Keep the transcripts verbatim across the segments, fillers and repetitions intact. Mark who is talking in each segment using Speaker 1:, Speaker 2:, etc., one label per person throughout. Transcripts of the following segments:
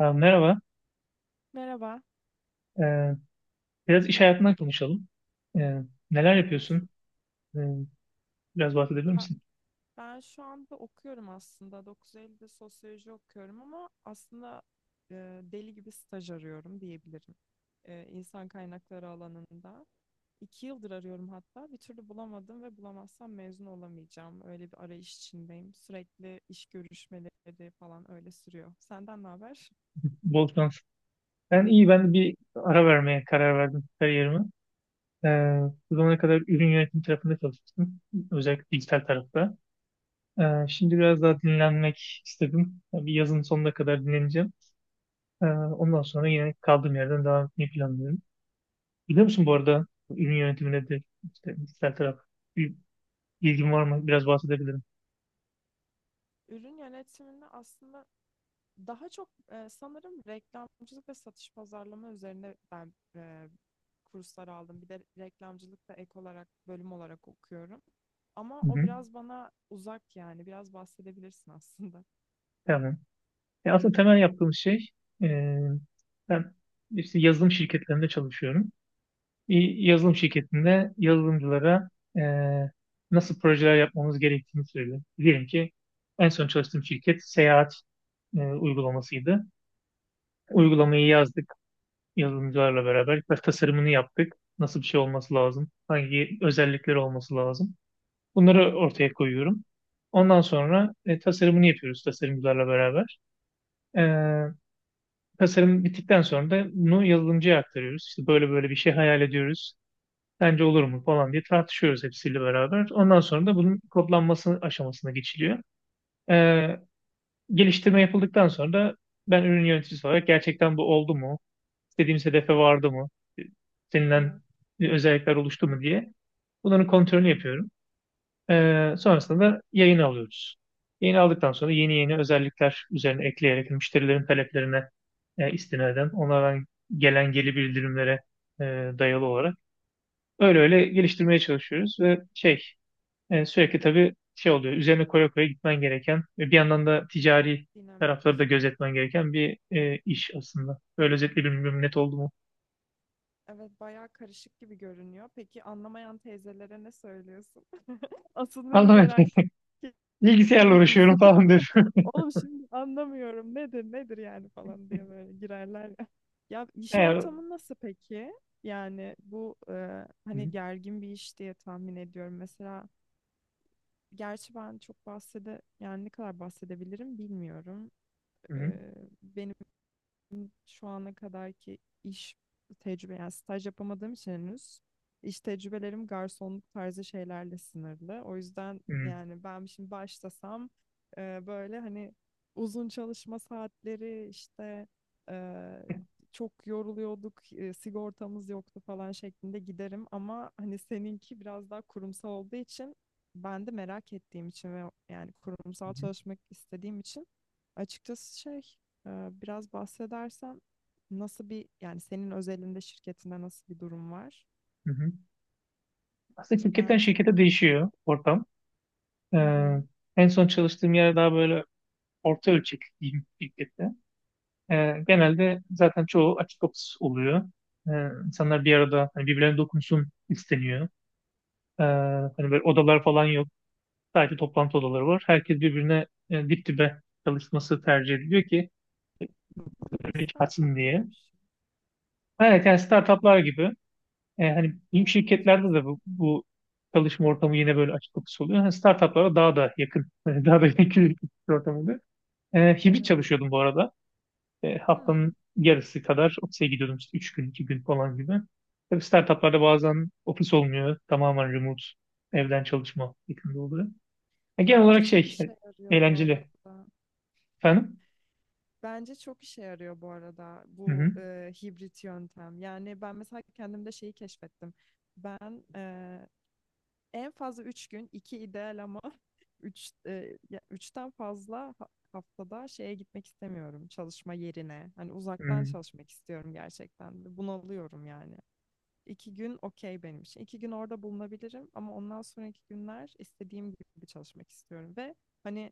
Speaker 1: Aa, merhaba.
Speaker 2: Merhaba.
Speaker 1: Ee, Biraz iş hayatından konuşalım. Ee, Neler
Speaker 2: Olur.
Speaker 1: yapıyorsun? Ee, Biraz bahsedebilir
Speaker 2: Ya
Speaker 1: misin?
Speaker 2: ben şu anda okuyorum aslında. dokuz Eylül'de sosyoloji okuyorum ama aslında e, deli gibi staj arıyorum diyebilirim. E, insan kaynakları alanında. İki yıldır arıyorum hatta. Bir türlü bulamadım ve bulamazsam mezun olamayacağım. Öyle bir arayış içindeyim. Sürekli iş görüşmeleri falan öyle sürüyor. Senden ne haber?
Speaker 1: Bol şans. Ben iyi, ben de bir ara vermeye karar verdim kariyerime. Ee, Bu zamana kadar ürün yönetimi tarafında çalıştım. Özellikle dijital tarafta. Ee, şimdi biraz daha dinlenmek istedim. Bir yazın sonuna kadar dinleneceğim. Ee, ondan sonra yine kaldığım yerden devam etmeyi planlıyorum. Biliyor musun bu arada ürün yönetimine de işte dijital taraf bir ilgin var mı? Biraz bahsedebilirim.
Speaker 2: Ürün yönetiminde aslında daha çok e, sanırım reklamcılık ve satış pazarlama üzerine ben e, kurslar aldım. Bir de reklamcılık da ek olarak bölüm olarak okuyorum. Ama
Speaker 1: Hı
Speaker 2: o
Speaker 1: hı.
Speaker 2: biraz bana uzak yani. Biraz bahsedebilirsin aslında.
Speaker 1: Tamam. E, aslında temel yaptığım şey, e, ben işte yazılım şirketlerinde çalışıyorum. Bir yazılım şirketinde yazılımcılara e, nasıl projeler yapmamız gerektiğini söylüyorum. Diyelim ki en son çalıştığım şirket seyahat e, uygulamasıydı. Uygulamayı yazdık yazılımcılarla beraber. Biraz tasarımını yaptık. Nasıl bir şey olması lazım? Hangi özellikleri olması lazım? Bunları ortaya koyuyorum. Ondan sonra e, tasarımını yapıyoruz tasarımcılarla beraber. E, Tasarım bittikten sonra da bunu yazılımcıya aktarıyoruz. İşte böyle böyle bir şey hayal ediyoruz. Bence olur mu falan diye tartışıyoruz hepsiyle beraber. Ondan sonra da bunun kodlanması aşamasına geçiliyor. Ee, Geliştirme yapıldıktan sonra da ben ürün yöneticisi olarak gerçekten bu oldu mu? İstediğimiz hedefe vardı mı? İstenilen
Speaker 2: Evet,
Speaker 1: özellikler oluştu mu diye bunların kontrolünü yapıyorum. Ee, sonrasında da yayın alıyoruz. Yayın aldıktan sonra yeni yeni özellikler üzerine ekleyerek müşterilerin taleplerine e, istinaden onlardan gelen geri bildirimlere e, dayalı olarak öyle öyle geliştirmeye çalışıyoruz ve şey, e, sürekli tabii şey oluyor, üzerine koya koya gitmen gereken ve bir yandan da ticari
Speaker 2: dinamik.
Speaker 1: tarafları da gözetmen gereken bir e, iş aslında. Böyle özetle bilmiyorum, net oldu mu?
Speaker 2: Evet, bayağı karışık gibi görünüyor. Peki anlamayan teyzelere ne söylüyorsun? Asıl beni
Speaker 1: Anlamadım.
Speaker 2: merak
Speaker 1: Bilgisayarla
Speaker 2: ettiğim
Speaker 1: uğraşıyorum
Speaker 2: kısım.
Speaker 1: falan diyorum.
Speaker 2: Oğlum şimdi anlamıyorum nedir nedir yani falan diye böyle girerler. Ya iş
Speaker 1: Yani,
Speaker 2: ortamı nasıl peki? Yani bu e, hani
Speaker 1: hı,
Speaker 2: gergin bir iş diye tahmin ediyorum. Mesela gerçi ben çok bahsede yani ne kadar bahsedebilirim bilmiyorum. E,
Speaker 1: hı,
Speaker 2: benim şu ana kadarki iş tecrübe yani staj yapamadığım için henüz iş tecrübelerim garsonluk tarzı şeylerle sınırlı. O yüzden
Speaker 1: hı, hı,
Speaker 2: yani ben şimdi başlasam e, böyle hani uzun çalışma saatleri işte e, çok yoruluyorduk, e, sigortamız yoktu falan şeklinde giderim ama hani seninki biraz daha kurumsal olduğu için ben de merak ettiğim için ve yani
Speaker 1: hı,
Speaker 2: kurumsal
Speaker 1: hı,
Speaker 2: çalışmak istediğim için açıkçası şey, ee, Biraz bahsedersen nasıl bir yani senin özelinde şirketinde nasıl bir durum var?
Speaker 1: hı hı. Aslında şirketten
Speaker 2: Bence.
Speaker 1: şirkete değişiyor ortam.
Speaker 2: Hı
Speaker 1: Ee,
Speaker 2: hı.
Speaker 1: En son çalıştığım yer daha böyle orta ölçekli diyeyim, şirkette. Ee, genelde zaten çoğu açık ofis oluyor. Ee, insanlar bir arada, hani birbirlerine dokunsun isteniyor. Ee, Hani böyle odalar falan yok. Sadece toplantı odaları var. Herkes birbirine e, dip dibe çalışması tercih ediliyor ki
Speaker 2: Hmm,
Speaker 1: hiç
Speaker 2: startup
Speaker 1: kaçsın
Speaker 2: gibi
Speaker 1: diye.
Speaker 2: bir şey.
Speaker 1: Evet yani startuplar gibi. E, hani büyük
Speaker 2: Aa, çok
Speaker 1: şirketlerde de
Speaker 2: güzel.
Speaker 1: bu, bu çalışma ortamı yine böyle açık ofis oluyor. Hani startuplara daha da yakın, daha da yakın bir ortam oluyor. E, hibrit
Speaker 2: Evet.
Speaker 1: çalışıyordum bu arada. E, haftanın
Speaker 2: Hmm.
Speaker 1: yarısı kadar ofise gidiyordum, işte üç gün, iki gün falan gibi. Tabii startuplarda bazen ofis olmuyor. Tamamen remote, evden çalışma şeklinde oluyor. E, genel
Speaker 2: Bence
Speaker 1: olarak
Speaker 2: çok
Speaker 1: şey,
Speaker 2: işe
Speaker 1: e,
Speaker 2: yarıyor bu
Speaker 1: eğlenceli.
Speaker 2: arada.
Speaker 1: Efendim?
Speaker 2: Bence çok işe yarıyor bu arada
Speaker 1: Hı
Speaker 2: bu
Speaker 1: hı.
Speaker 2: e, hibrit yöntem. Yani ben mesela kendimde şeyi keşfettim. Ben en fazla üç gün, iki ideal ama 3 üçten fazla ha- haftada şeye gitmek istemiyorum çalışma yerine. Hani uzaktan
Speaker 1: Hı.
Speaker 2: çalışmak istiyorum gerçekten. Ve bunalıyorum yani. İki gün okey benim için. İki gün orada bulunabilirim ama ondan sonraki günler istediğim gibi çalışmak istiyorum ve hani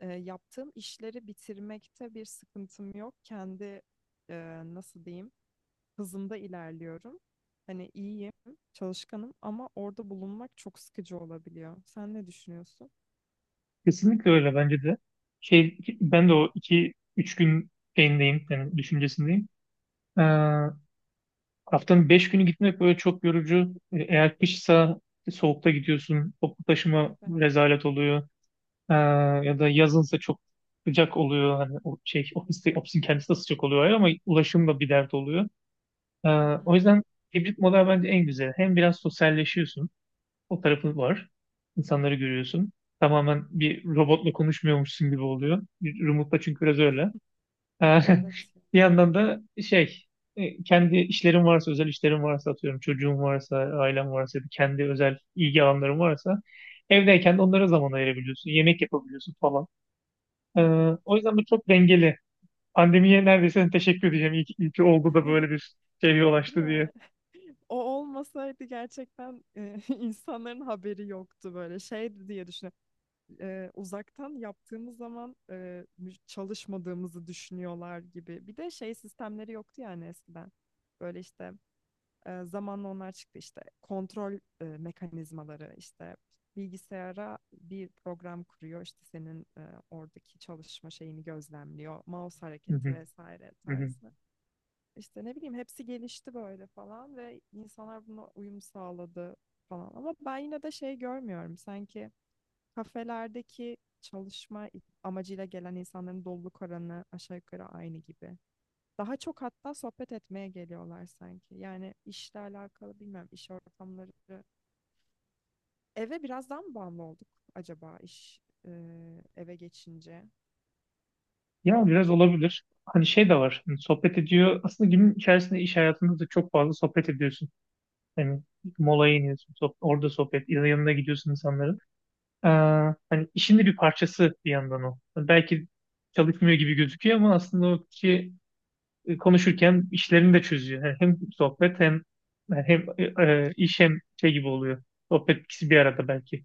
Speaker 2: e, yaptığım işleri bitirmekte bir sıkıntım yok. Kendi e, nasıl diyeyim, hızımda ilerliyorum. Hani iyiyim, çalışkanım ama orada bulunmak çok sıkıcı olabiliyor. Sen ne düşünüyorsun?
Speaker 1: Kesinlikle öyle bence de. Şey, ben de o iki üç gün şeyindeyim, yani düşüncesindeyim. Ee, Haftanın beş günü gitmek böyle çok yorucu. E, Eğer kışsa soğukta gidiyorsun, toplu taşıma
Speaker 2: Evet.
Speaker 1: rezalet oluyor. Ee, Ya da yazınsa çok sıcak oluyor. Hani o şey ofiste, ofisin kendisi de sıcak oluyor ama ulaşım da bir dert oluyor. Ee,
Speaker 2: Hı
Speaker 1: O
Speaker 2: hı.
Speaker 1: yüzden hibrit model bence en güzel. Hem biraz sosyalleşiyorsun, o tarafı var. İnsanları görüyorsun. Tamamen bir robotla konuşmuyormuşsun gibi oluyor. Bir Remote'da çünkü biraz öyle. Ee,
Speaker 2: Evet.
Speaker 1: Bir
Speaker 2: Ya.
Speaker 1: yandan da şey, e, kendi işlerim varsa, özel işlerim varsa, atıyorum çocuğum varsa, ailem varsa ya da kendi özel ilgi alanlarım varsa evdeyken de onlara zaman ayırabiliyorsun, yemek yapabiliyorsun falan. Ee,
Speaker 2: Evet.
Speaker 1: O yüzden bu çok dengeli. Pandemiye neredeyse teşekkür edeceğim, iyi ki, iyi ki oldu da böyle bir şey yol
Speaker 2: Değil
Speaker 1: açtı diye.
Speaker 2: mi? O olmasaydı gerçekten e, insanların haberi yoktu böyle şey diye düşünüyorum. E, uzaktan yaptığımız zaman e, mü- çalışmadığımızı düşünüyorlar gibi. Bir de şey sistemleri yoktu yani eskiden. Böyle işte E, zamanla onlar çıktı işte kontrol e, mekanizmaları işte bilgisayara bir program kuruyor işte senin e, oradaki çalışma şeyini gözlemliyor mouse
Speaker 1: Hı
Speaker 2: hareketi
Speaker 1: hı,
Speaker 2: vesaire
Speaker 1: hı hı.
Speaker 2: tarzı işte ne bileyim hepsi gelişti böyle falan ve insanlar buna uyum sağladı falan ama ben yine de şey görmüyorum sanki kafelerdeki çalışma amacıyla gelen insanların doluluk oranı aşağı yukarı aynı gibi, daha çok hatta sohbet etmeye geliyorlar sanki. Yani işle alakalı bilmem iş ortamları. Eve biraz daha mı bağımlı olduk acaba iş e, eve geçince?
Speaker 1: Ya biraz
Speaker 2: Bilmiyorum.
Speaker 1: olabilir. Hani şey de var. Hani sohbet ediyor. Aslında günün içerisinde iş hayatında da çok fazla sohbet ediyorsun. Hani molaya iniyorsun. Sohb- orada sohbet. Yanına gidiyorsun insanların. Ee, Hani işin de bir parçası bir yandan o. Hani belki çalışmıyor gibi gözüküyor ama aslında o kişi e, konuşurken işlerini de çözüyor. Yani hem sohbet hem yani hem e, e, iş hem şey gibi oluyor. Sohbet ikisi bir arada belki.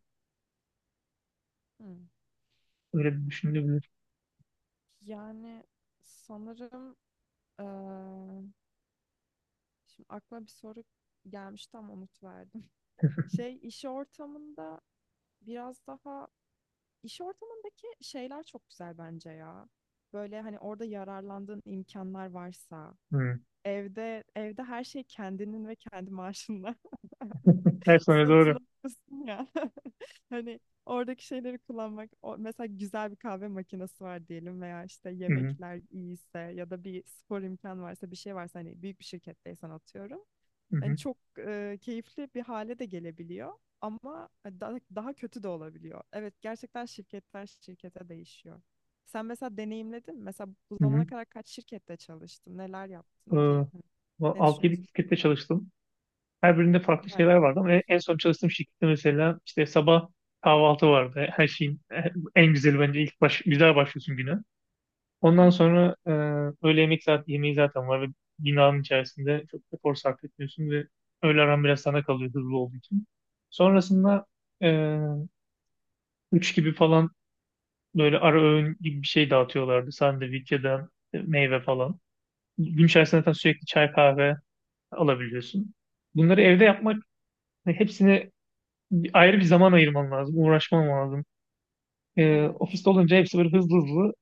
Speaker 2: Hmm.
Speaker 1: Öyle bir düşünülebilir.
Speaker 2: Yani sanırım eee, şimdi aklıma bir soru gelmişti ama unut verdim. Şey iş ortamında biraz daha İş ortamındaki şeyler çok güzel bence ya. Böyle hani orada yararlandığın imkanlar varsa,
Speaker 1: Hı.
Speaker 2: evde evde her şey kendinin ve kendi maaşınla
Speaker 1: Her sene
Speaker 2: satın
Speaker 1: doğru.
Speaker 2: alıyorsun ya. Hani oradaki şeyleri kullanmak, o, mesela güzel bir kahve makinesi var diyelim veya işte
Speaker 1: Hı hı.
Speaker 2: yemekler iyiyse ya da bir spor imkanı varsa, bir şey varsa hani büyük bir şirketteysen atıyorum.
Speaker 1: Hı
Speaker 2: Yani
Speaker 1: hı.
Speaker 2: çok e, keyifli bir hale de gelebiliyor ama e, da- daha kötü de olabiliyor. Evet gerçekten şirketler şirkete değişiyor. Sen mesela deneyimledin mi? Mesela bu
Speaker 1: Hı
Speaker 2: zamana
Speaker 1: hı.
Speaker 2: kadar kaç şirkette çalıştın? Neler yaptın
Speaker 1: Ee,
Speaker 2: ki? Hani
Speaker 1: Bu
Speaker 2: ne
Speaker 1: altı yedi
Speaker 2: düşünüyorsun?
Speaker 1: şirkette çalıştım. Her birinde farklı
Speaker 2: Bayağı
Speaker 1: şeyler vardı ama en
Speaker 2: olmuş.
Speaker 1: en son çalıştığım şirkette mesela işte sabah kahvaltı vardı. Her şeyin e, en güzeli bence ilk baş, güzel başlıyorsun güne. Ondan sonra e, öğle yemek saat, yemeği zaten var ve binanın içerisinde çok efor sarf etmiyorsun ve öğle aran biraz sana kalıyor hızlı olduğu için. Sonrasında e, üç gibi falan böyle ara öğün gibi bir şey dağıtıyorlardı. Sandviç ya da meyve falan. Gün içerisinde zaten sürekli çay kahve alabiliyorsun. Bunları evde yapmak, hepsini ayrı bir zaman ayırman lazım, uğraşman lazım. Ee,
Speaker 2: Evet.
Speaker 1: ofiste olunca hepsi böyle hızlı hızlı.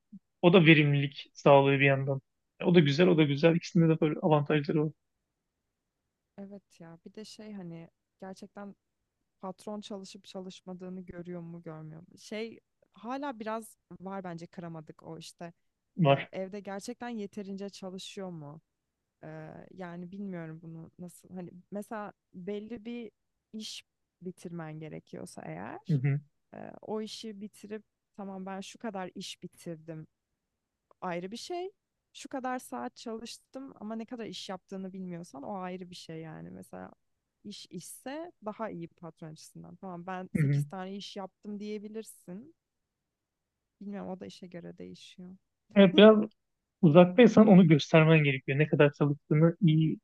Speaker 1: O da verimlilik sağlıyor bir yandan. E, O da güzel, o da güzel. İkisinde de böyle avantajları
Speaker 2: Evet ya. Bir de şey hani gerçekten patron çalışıp çalışmadığını görüyor mu görmüyor mu? Şey, hala biraz var bence, kıramadık o işte. E,
Speaker 1: var.
Speaker 2: evde gerçekten yeterince çalışıyor mu? Eee, yani bilmiyorum bunu nasıl, hani mesela belli bir iş bitirmen gerekiyorsa
Speaker 1: Hı
Speaker 2: eğer,
Speaker 1: hı,
Speaker 2: eee, o işi bitirip tamam ben şu kadar iş bitirdim, ayrı bir şey. Şu kadar saat çalıştım ama ne kadar iş yaptığını bilmiyorsan o ayrı bir şey yani. Mesela iş işse daha iyi patron açısından. Tamam ben
Speaker 1: hı hı.
Speaker 2: sekiz tane iş yaptım diyebilirsin. Bilmiyorum, o da işe göre değişiyor.
Speaker 1: Evet, biraz uzaktaysan onu göstermen gerekiyor. Ne kadar çalıştığını iyi,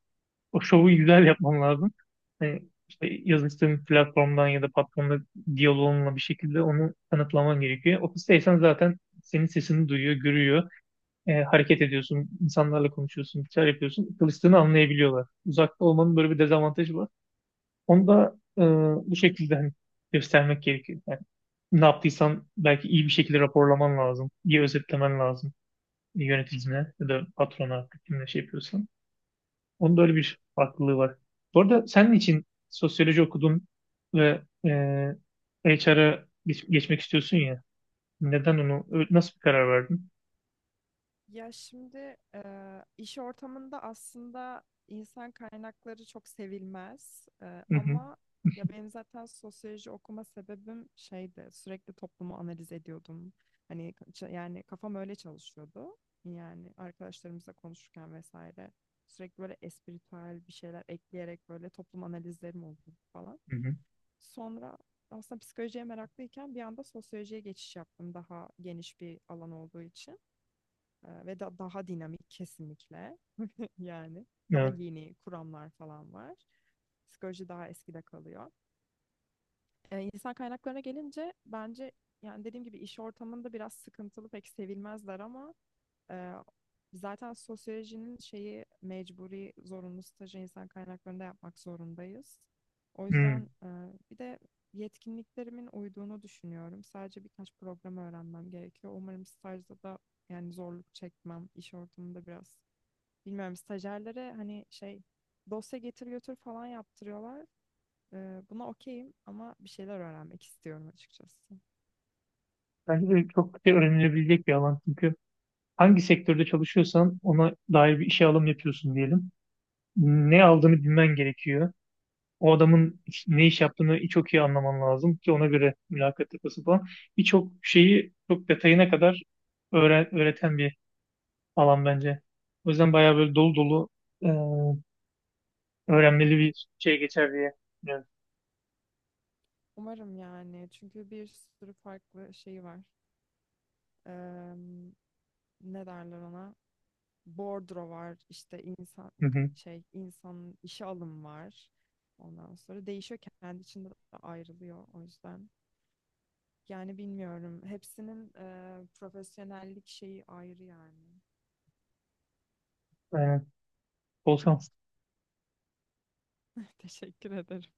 Speaker 1: o şovu güzel yapman lazım. Hani işte yazıştığın platformdan ya da patronla diyaloğunla bir şekilde onu kanıtlaman gerekiyor. Ofisteysen zaten senin sesini duyuyor, görüyor. Ee, hareket ediyorsun, insanlarla konuşuyorsun, bir şeyler yapıyorsun. Çalıştığını anlayabiliyorlar. Uzakta olmanın böyle bir dezavantajı var. Onu da e, bu şekilde hani göstermek gerekiyor. Yani ne yaptıysan belki iyi bir şekilde raporlaman lazım. İyi özetlemen lazım yöneticine ya da patrona, artık kimle şey yapıyorsan. Onun da öyle bir farklılığı var. Bu arada senin için sosyoloji okudun ve e, H R'a geç- geçmek istiyorsun ya. Neden onu, ö- nasıl bir karar verdin?
Speaker 2: Ya şimdi eee, iş ortamında aslında insan kaynakları çok sevilmez. Eee,
Speaker 1: Hı hı,
Speaker 2: ama ya benim zaten sosyoloji okuma sebebim şeydi, sürekli toplumu analiz ediyordum. Hani ç- yani kafam öyle çalışıyordu. Yani arkadaşlarımızla konuşurken vesaire sürekli böyle espritüel bir şeyler ekleyerek böyle toplum analizlerim oldu falan.
Speaker 1: hı hı.
Speaker 2: Sonra aslında psikolojiye meraklıyken bir anda sosyolojiye geçiş yaptım daha geniş bir alan olduğu için. Ee, ve da, daha dinamik kesinlikle yani daha
Speaker 1: Evet.
Speaker 2: yeni kuramlar falan var. Psikoloji daha eskide kalıyor. Ee, insan kaynaklarına gelince bence yani dediğim gibi iş ortamında biraz sıkıntılı, pek sevilmezler ama ee, zaten sosyolojinin şeyi, mecburi zorunlu stajı insan kaynaklarında yapmak zorundayız. O
Speaker 1: Hı.
Speaker 2: yüzden e, bir de yetkinliklerimin uyduğunu düşünüyorum. Sadece birkaç program öğrenmem gerekiyor. Umarım stajda da yani zorluk çekmem iş ortamında biraz. Bilmiyorum stajyerlere hani şey dosya getir götür falan yaptırıyorlar. Ee, buna okeyim ama bir şeyler öğrenmek istiyorum açıkçası.
Speaker 1: Bence de çok şey öğrenilebilecek bir alan çünkü hangi sektörde çalışıyorsan ona dair bir işe alım yapıyorsun diyelim. Ne aldığını bilmen gerekiyor. O adamın iş- ne iş yaptığını çok iyi anlaman lazım ki ona göre mülakat yapası falan. Birçok şeyi çok detayına kadar öğren- öğreten bir alan bence. O yüzden bayağı böyle dolu dolu e, öğrenmeli bir şey geçer diye düşünüyorum.
Speaker 2: Umarım yani çünkü bir sürü farklı şey var. Ne derler ona? Bordro var, işte insan
Speaker 1: Hı hı.
Speaker 2: şey insanın işe alım var. Ondan sonra değişiyor, kendi içinde de ayrılıyor o yüzden. Yani bilmiyorum. Hepsinin e, profesyonellik şeyi ayrı yani.
Speaker 1: Aynen. Bol şans.
Speaker 2: Teşekkür ederim.